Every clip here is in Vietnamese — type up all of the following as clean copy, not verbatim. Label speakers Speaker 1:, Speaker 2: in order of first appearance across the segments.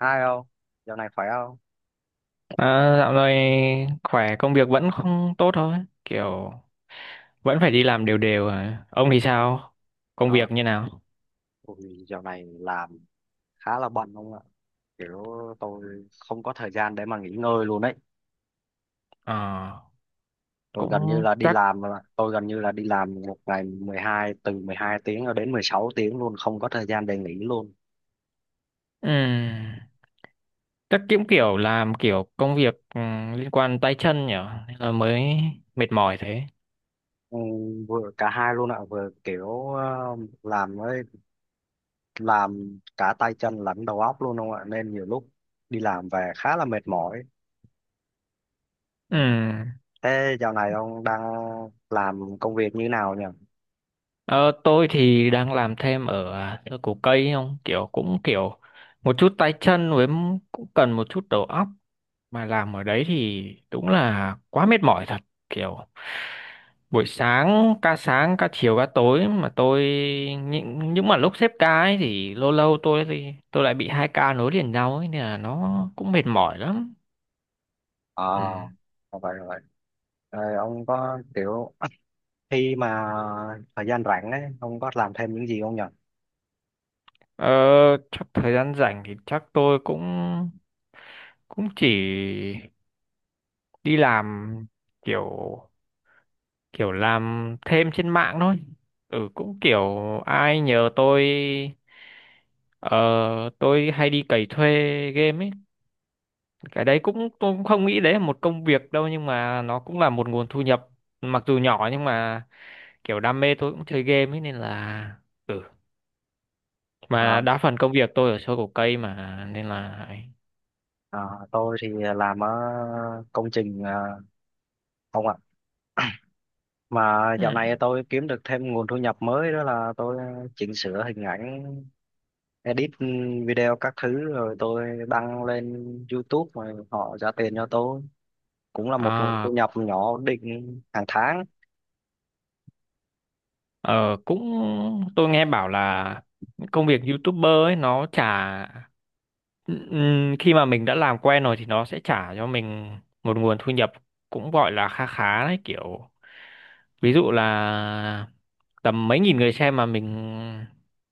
Speaker 1: Hai không? Dạo này khỏe không?
Speaker 2: Dạo này khỏe công việc vẫn không tốt thôi, kiểu vẫn phải đi làm đều đều à. Ông thì sao, công
Speaker 1: Ờ,
Speaker 2: việc như nào?
Speaker 1: Ui, dạo này làm khá là bận không ạ? Kiểu tôi không có thời gian để mà nghỉ ngơi luôn đấy.
Speaker 2: Ờ, cũng chắc
Speaker 1: Tôi gần như là đi làm một ngày 12, từ 12 tiếng cho đến 16 tiếng luôn, không có thời gian để nghỉ luôn.
Speaker 2: ừm, chắc cũng kiểu làm kiểu công việc, liên quan tay chân nhỉ, nên là mới mệt mỏi thế.
Speaker 1: Ừ, vừa cả hai luôn ạ, vừa kiểu làm với làm cả tay chân lẫn đầu óc luôn không ạ? Nên nhiều lúc đi làm về khá là mệt mỏi. Ừ.
Speaker 2: Ừm,
Speaker 1: Thế dạo này ông đang làm công việc như nào nhỉ?
Speaker 2: ờ, tôi thì đang làm thêm ở, thơ cổ cây không, kiểu cũng kiểu một chút tay chân với cũng cần một chút đầu óc, mà làm ở đấy thì đúng là quá mệt mỏi thật, kiểu buổi sáng, ca sáng ca chiều ca tối, mà tôi những mà lúc xếp ca ấy thì lâu lâu tôi lại bị hai ca nối liền nhau ấy, nên là nó cũng mệt mỏi lắm.
Speaker 1: À,
Speaker 2: Ừ.
Speaker 1: rồi vậy rồi. Ờ, ông có kiểu khi mà thời gian rảnh ấy, ông có làm thêm những gì không nhỉ?
Speaker 2: ờ, chắc thời gian rảnh thì chắc tôi cũng cũng chỉ đi làm, kiểu kiểu làm thêm trên mạng thôi. Ừ cũng kiểu ai nhờ tôi, ờ, tôi hay đi cày thuê game ấy. Cái đấy cũng tôi cũng không nghĩ đấy là một công việc đâu, nhưng mà nó cũng là một nguồn thu nhập, mặc dù nhỏ nhưng mà kiểu đam mê, tôi cũng chơi game ấy nên là ừ, mà
Speaker 1: À,
Speaker 2: đa phần công việc tôi ở show cổ cây mà nên là.
Speaker 1: à, tôi thì làm ở công trình ông ạ. Mà dạo
Speaker 2: Ừ.
Speaker 1: này tôi kiếm được thêm nguồn thu nhập mới đó là tôi chỉnh sửa hình ảnh, edit video các thứ rồi tôi đăng lên YouTube rồi họ trả tiền cho tôi. Cũng là một nguồn
Speaker 2: À.
Speaker 1: thu nhập nhỏ ổn định hàng tháng.
Speaker 2: Ờ cũng tôi nghe bảo là công việc YouTuber ấy nó trả, khi mà mình đã làm quen rồi thì nó sẽ trả cho mình một nguồn thu nhập cũng gọi là kha khá đấy, kiểu ví dụ là tầm mấy nghìn người xem mà mình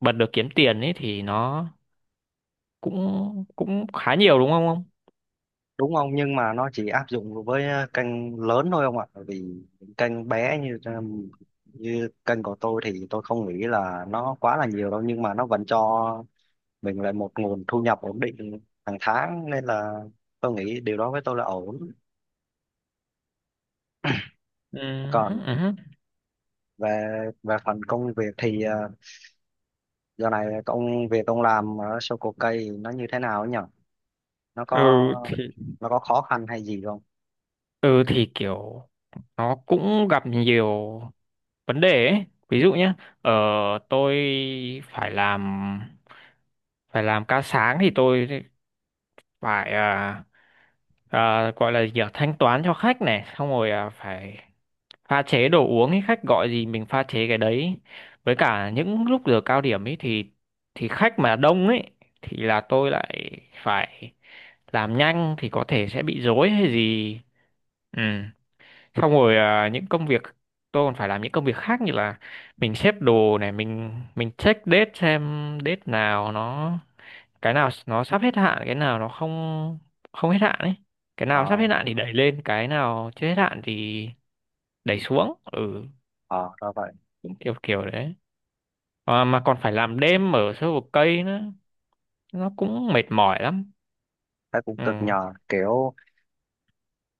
Speaker 2: bật được kiếm tiền ấy thì nó cũng cũng khá nhiều, đúng không ông?
Speaker 1: Đúng ông, nhưng mà nó chỉ áp dụng với kênh lớn thôi ông ạ, bởi vì những kênh bé như như kênh của tôi thì tôi không nghĩ là nó quá là nhiều đâu, nhưng mà nó vẫn cho mình lại một nguồn thu nhập ổn định hàng tháng nên là tôi nghĩ điều đó với tôi là ổn.
Speaker 2: Ừ,
Speaker 1: Còn
Speaker 2: ừ, ừ. Hứ.
Speaker 1: về về phần công việc thì giờ này công việc ông làm ở Soko cây nó như thế nào ấy nhỉ? nó có
Speaker 2: Ừ, thì
Speaker 1: nó có khó khăn hay gì không?
Speaker 2: ừ thì kiểu nó cũng gặp nhiều vấn đề ấy, ví dụ nhé, ờ, tôi phải làm phải làm ca sáng thì tôi phải, gọi là gì nhỉ? Thanh toán cho khách này xong rồi, phải pha chế đồ uống ấy, khách gọi gì mình pha chế cái đấy. Với cả những lúc giờ cao điểm ấy thì khách mà đông ấy thì là tôi lại phải làm nhanh thì có thể sẽ bị rối hay gì. Ừ, xong rồi, những công việc, tôi còn phải làm những công việc khác như là mình xếp đồ này, mình check date xem date nào nó, cái nào nó sắp hết hạn, cái nào nó không không hết hạn ấy. Cái nào sắp hết
Speaker 1: Ờ,
Speaker 2: hạn thì đẩy lên, cái nào chưa hết hạn thì đẩy xuống. Ừ,
Speaker 1: ờ, ra vậy.
Speaker 2: cũng kiểu kiểu đấy. Mà còn phải làm đêm ở sâu vực cây nữa, nó cũng mệt mỏi lắm.
Speaker 1: Thấy cũng
Speaker 2: Ừ.
Speaker 1: cực nhờ, kiểu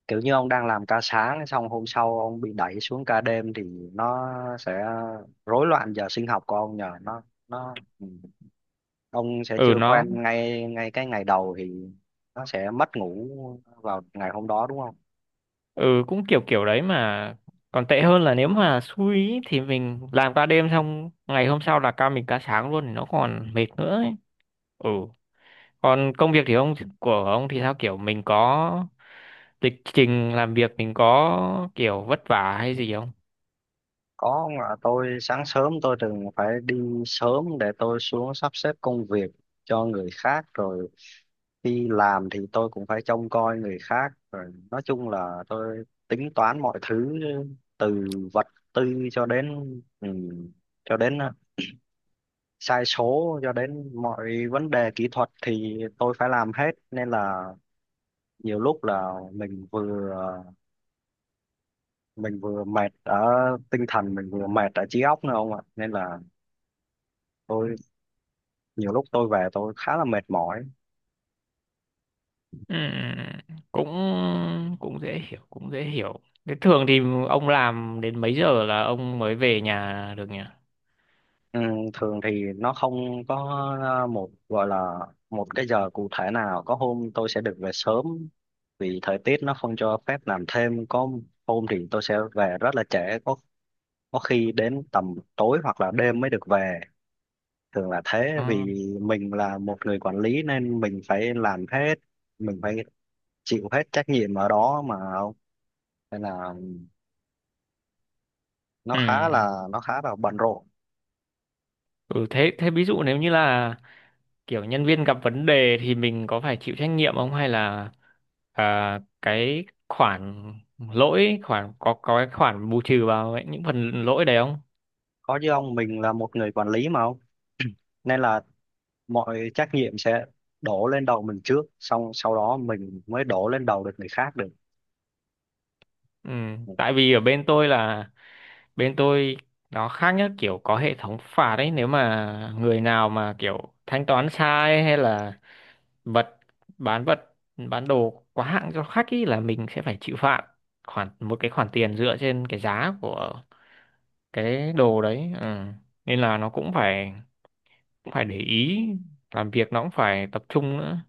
Speaker 1: kiểu như ông đang làm ca sáng xong hôm sau ông bị đẩy xuống ca đêm thì nó sẽ rối loạn giờ sinh học của ông nhờ, nó ừ. Ông sẽ
Speaker 2: Ừ
Speaker 1: chưa
Speaker 2: nó
Speaker 1: quen ngay, ngay cái ngày đầu thì nó sẽ mất ngủ vào ngày hôm đó đúng không?
Speaker 2: ừ cũng kiểu kiểu đấy, mà còn tệ hơn là nếu mà xui ý, thì mình làm ca đêm, xong ngày hôm sau là ca, mình ca sáng luôn thì nó còn mệt nữa ấy. Ừ. Còn công việc thì ông, của ông thì sao, kiểu mình có lịch trình làm việc, mình có kiểu vất vả hay gì không?
Speaker 1: Có ông ạ, tôi sáng sớm tôi thường phải đi sớm để tôi xuống sắp xếp công việc cho người khác, rồi đi làm thì tôi cũng phải trông coi người khác, rồi nói chung là tôi tính toán mọi thứ từ vật tư ừ, cho đến sai số, cho đến mọi vấn đề kỹ thuật thì tôi phải làm hết, nên là nhiều lúc là mình vừa mệt ở tinh thần, mình vừa mệt ở trí óc nữa ông ạ, nên là tôi nhiều lúc tôi về tôi khá là mệt mỏi.
Speaker 2: Ừm, cũng cũng dễ hiểu, cũng dễ hiểu. Thế thường thì ông làm đến mấy giờ là ông mới về nhà được nhỉ?
Speaker 1: Ừ, thường thì nó không có gọi là một cái giờ cụ thể nào. Có hôm tôi sẽ được về sớm vì thời tiết nó không cho phép làm thêm, có hôm thì tôi sẽ về rất là trễ, có có khi đến tầm tối hoặc là đêm mới được về, thường là thế
Speaker 2: Ừ.
Speaker 1: vì mình là một người quản lý nên mình phải làm hết, mình phải chịu hết trách nhiệm ở đó mà, nên là nó
Speaker 2: Ừ.
Speaker 1: khá là nó khá là bận rộn.
Speaker 2: Ừ thế thế ví dụ nếu như là kiểu nhân viên gặp vấn đề thì mình có phải chịu trách nhiệm không, hay là, cái khoản lỗi khoản có cái khoản bù trừ vào ấy, những phần lỗi đấy không?
Speaker 1: Có chứ ông, mình là một người quản lý mà ông, nên là mọi trách nhiệm sẽ đổ lên đầu mình trước, xong sau đó mình mới đổ lên đầu được người khác được.
Speaker 2: Ừ, tại vì ở bên tôi là bên tôi nó khác nhất, kiểu có hệ thống phạt ấy, nếu mà người nào mà kiểu thanh toán sai hay là vật vật bán đồ quá hạng cho khách ý là mình sẽ phải chịu phạt khoản, một cái khoản tiền dựa trên cái giá của cái đồ đấy. Ừ, nên là nó cũng phải để ý, làm việc nó cũng phải tập trung nữa.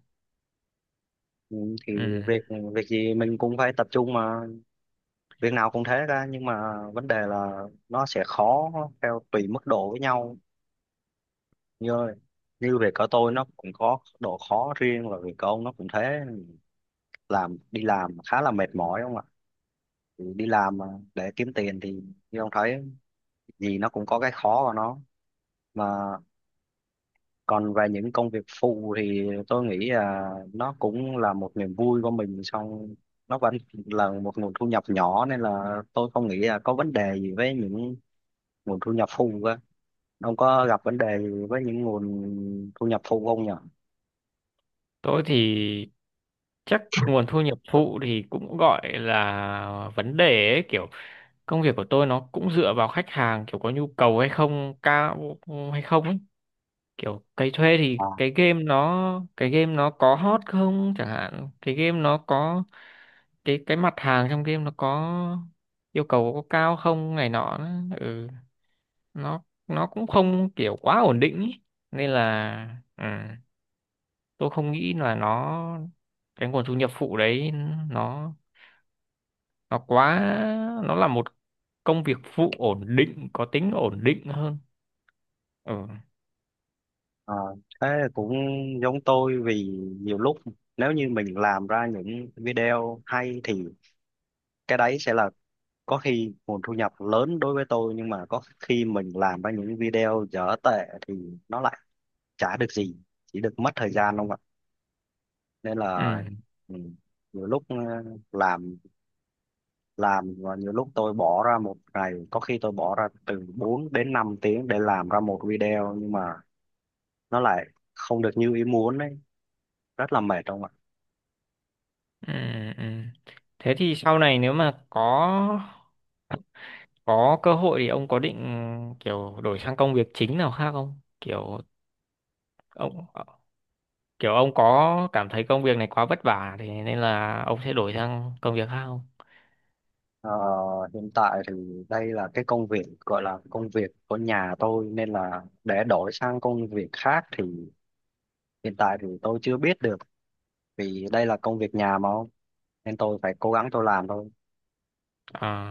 Speaker 1: Ừ, thì
Speaker 2: Ừ.
Speaker 1: việc việc gì mình cũng phải tập trung mà, việc nào cũng thế ra, nhưng mà vấn đề là nó sẽ khó theo tùy mức độ với nhau, như như việc của tôi nó cũng có độ khó riêng và việc của ông nó cũng thế, làm đi làm khá là mệt mỏi không ạ? Thì đi làm mà để kiếm tiền thì như ông thấy, gì nó cũng có cái khó của nó mà. Còn về những công việc phụ thì tôi nghĩ là nó cũng là một niềm vui của mình, xong nó vẫn là một nguồn thu nhập nhỏ nên là tôi không nghĩ là có vấn đề gì với những nguồn thu nhập phụ cơ. Ông có gặp vấn đề gì với những nguồn thu nhập phụ không nhỉ?
Speaker 2: Tôi thì chắc nguồn thu nhập phụ thì cũng gọi là vấn đề ấy, kiểu công việc của tôi nó cũng dựa vào khách hàng, kiểu có nhu cầu hay không cao hay không ấy, kiểu cái thuê thì
Speaker 1: à,
Speaker 2: cái game nó có hot không, chẳng hạn cái game nó có, cái mặt hàng trong game nó có yêu cầu có cao không này nọ ừ nó cũng không kiểu quá ổn định ý. Nên là ừ, tôi không nghĩ là nó, cái nguồn thu nhập phụ đấy nó nó quá, nó là một công việc phụ ổn định, có tính ổn định hơn. Ừ.
Speaker 1: à, thế cũng giống tôi vì nhiều lúc nếu như mình làm ra những video hay thì cái đấy sẽ là có khi nguồn thu nhập lớn đối với tôi, nhưng mà có khi mình làm ra những video dở tệ thì nó lại chả được gì, chỉ được mất thời gian không ạ, nên
Speaker 2: Ừ.
Speaker 1: là ừ, nhiều lúc làm làm và nhiều lúc tôi bỏ ra một ngày, có khi tôi bỏ ra từ 4 đến 5 tiếng để làm ra một video nhưng mà nó lại không được như ý muốn ấy, rất là mệt không ạ?
Speaker 2: Ừ, ừ. Thế thì sau này nếu mà có cơ hội thì ông có định kiểu đổi sang công việc chính nào khác không? Kiểu ông, kiểu ông có cảm thấy công việc này quá vất vả thì nên là ông sẽ đổi sang công việc khác không?
Speaker 1: Ờ, hiện tại thì đây là cái công việc gọi là công việc của nhà tôi nên là để đổi sang công việc khác thì hiện tại thì tôi chưa biết được, vì đây là công việc nhà mà không, nên tôi phải cố gắng tôi làm thôi,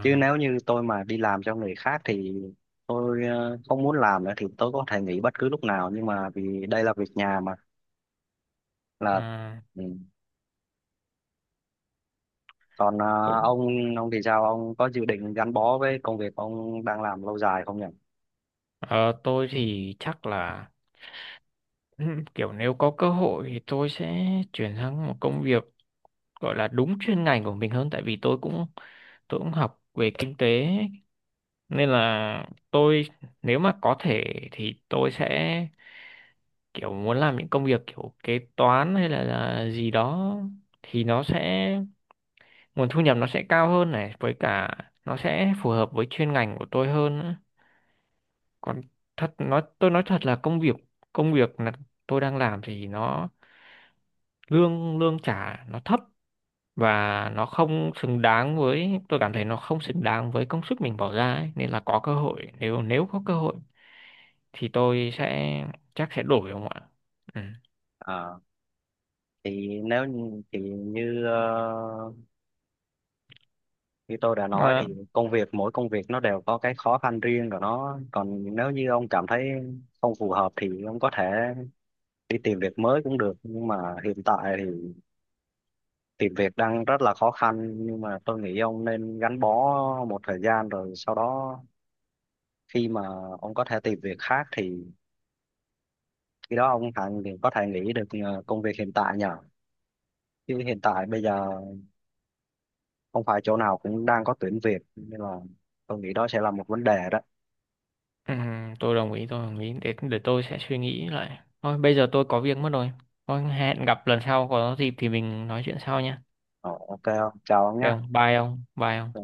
Speaker 1: chứ nếu như tôi mà đi làm cho người khác thì tôi không muốn làm nữa thì tôi có thể nghỉ bất cứ lúc nào, nhưng mà vì đây là việc nhà mà, là
Speaker 2: à
Speaker 1: ừ. Còn
Speaker 2: cũng,
Speaker 1: ông ông thì sao, ông có dự định gắn bó với công việc ông đang làm lâu dài không nhỉ?
Speaker 2: ờ, tôi thì chắc là kiểu nếu có cơ hội thì tôi sẽ chuyển sang một công việc gọi là đúng chuyên ngành của mình hơn, tại vì tôi cũng học về kinh tế, nên là tôi, nếu mà có thể thì tôi sẽ kiểu muốn làm những công việc kiểu kế toán hay là gì đó, thì nó sẽ, nguồn thu nhập nó sẽ cao hơn này, với cả nó sẽ phù hợp với chuyên ngành của tôi hơn nữa. Còn thật nói, tôi nói thật là công việc, công việc là tôi đang làm thì nó lương lương trả nó thấp, và nó không xứng đáng với, tôi cảm thấy nó không xứng đáng với công sức mình bỏ ra ấy. Nên là có cơ hội, nếu nếu có cơ hội thì tôi sẽ chắc sẽ đổi không ạ. Ừ.
Speaker 1: Ờ, thì thì như tôi đã nói
Speaker 2: Mà,
Speaker 1: thì công việc mỗi công việc nó đều có cái khó khăn riêng của nó, còn nếu như ông cảm thấy không phù hợp thì ông có thể đi tìm việc mới cũng được, nhưng mà hiện tại thì tìm việc đang rất là khó khăn, nhưng mà tôi nghĩ ông nên gắn bó một thời gian rồi sau đó khi mà ông có thể tìm việc khác thì khi đó ông hẳn thì có thể nghỉ được công việc hiện tại nhờ, chứ hiện tại bây giờ không phải chỗ nào cũng đang có tuyển việc nên là tôi nghĩ đó sẽ là một vấn đề đó.
Speaker 2: ừ, tôi đồng ý để tôi sẽ suy nghĩ lại thôi, bây giờ tôi có việc mất rồi, thôi hẹn gặp lần sau có dịp thì mình nói chuyện sau nhé,
Speaker 1: Ờ, ok ông, chào ông nhé.
Speaker 2: được không, bye ông bye ông.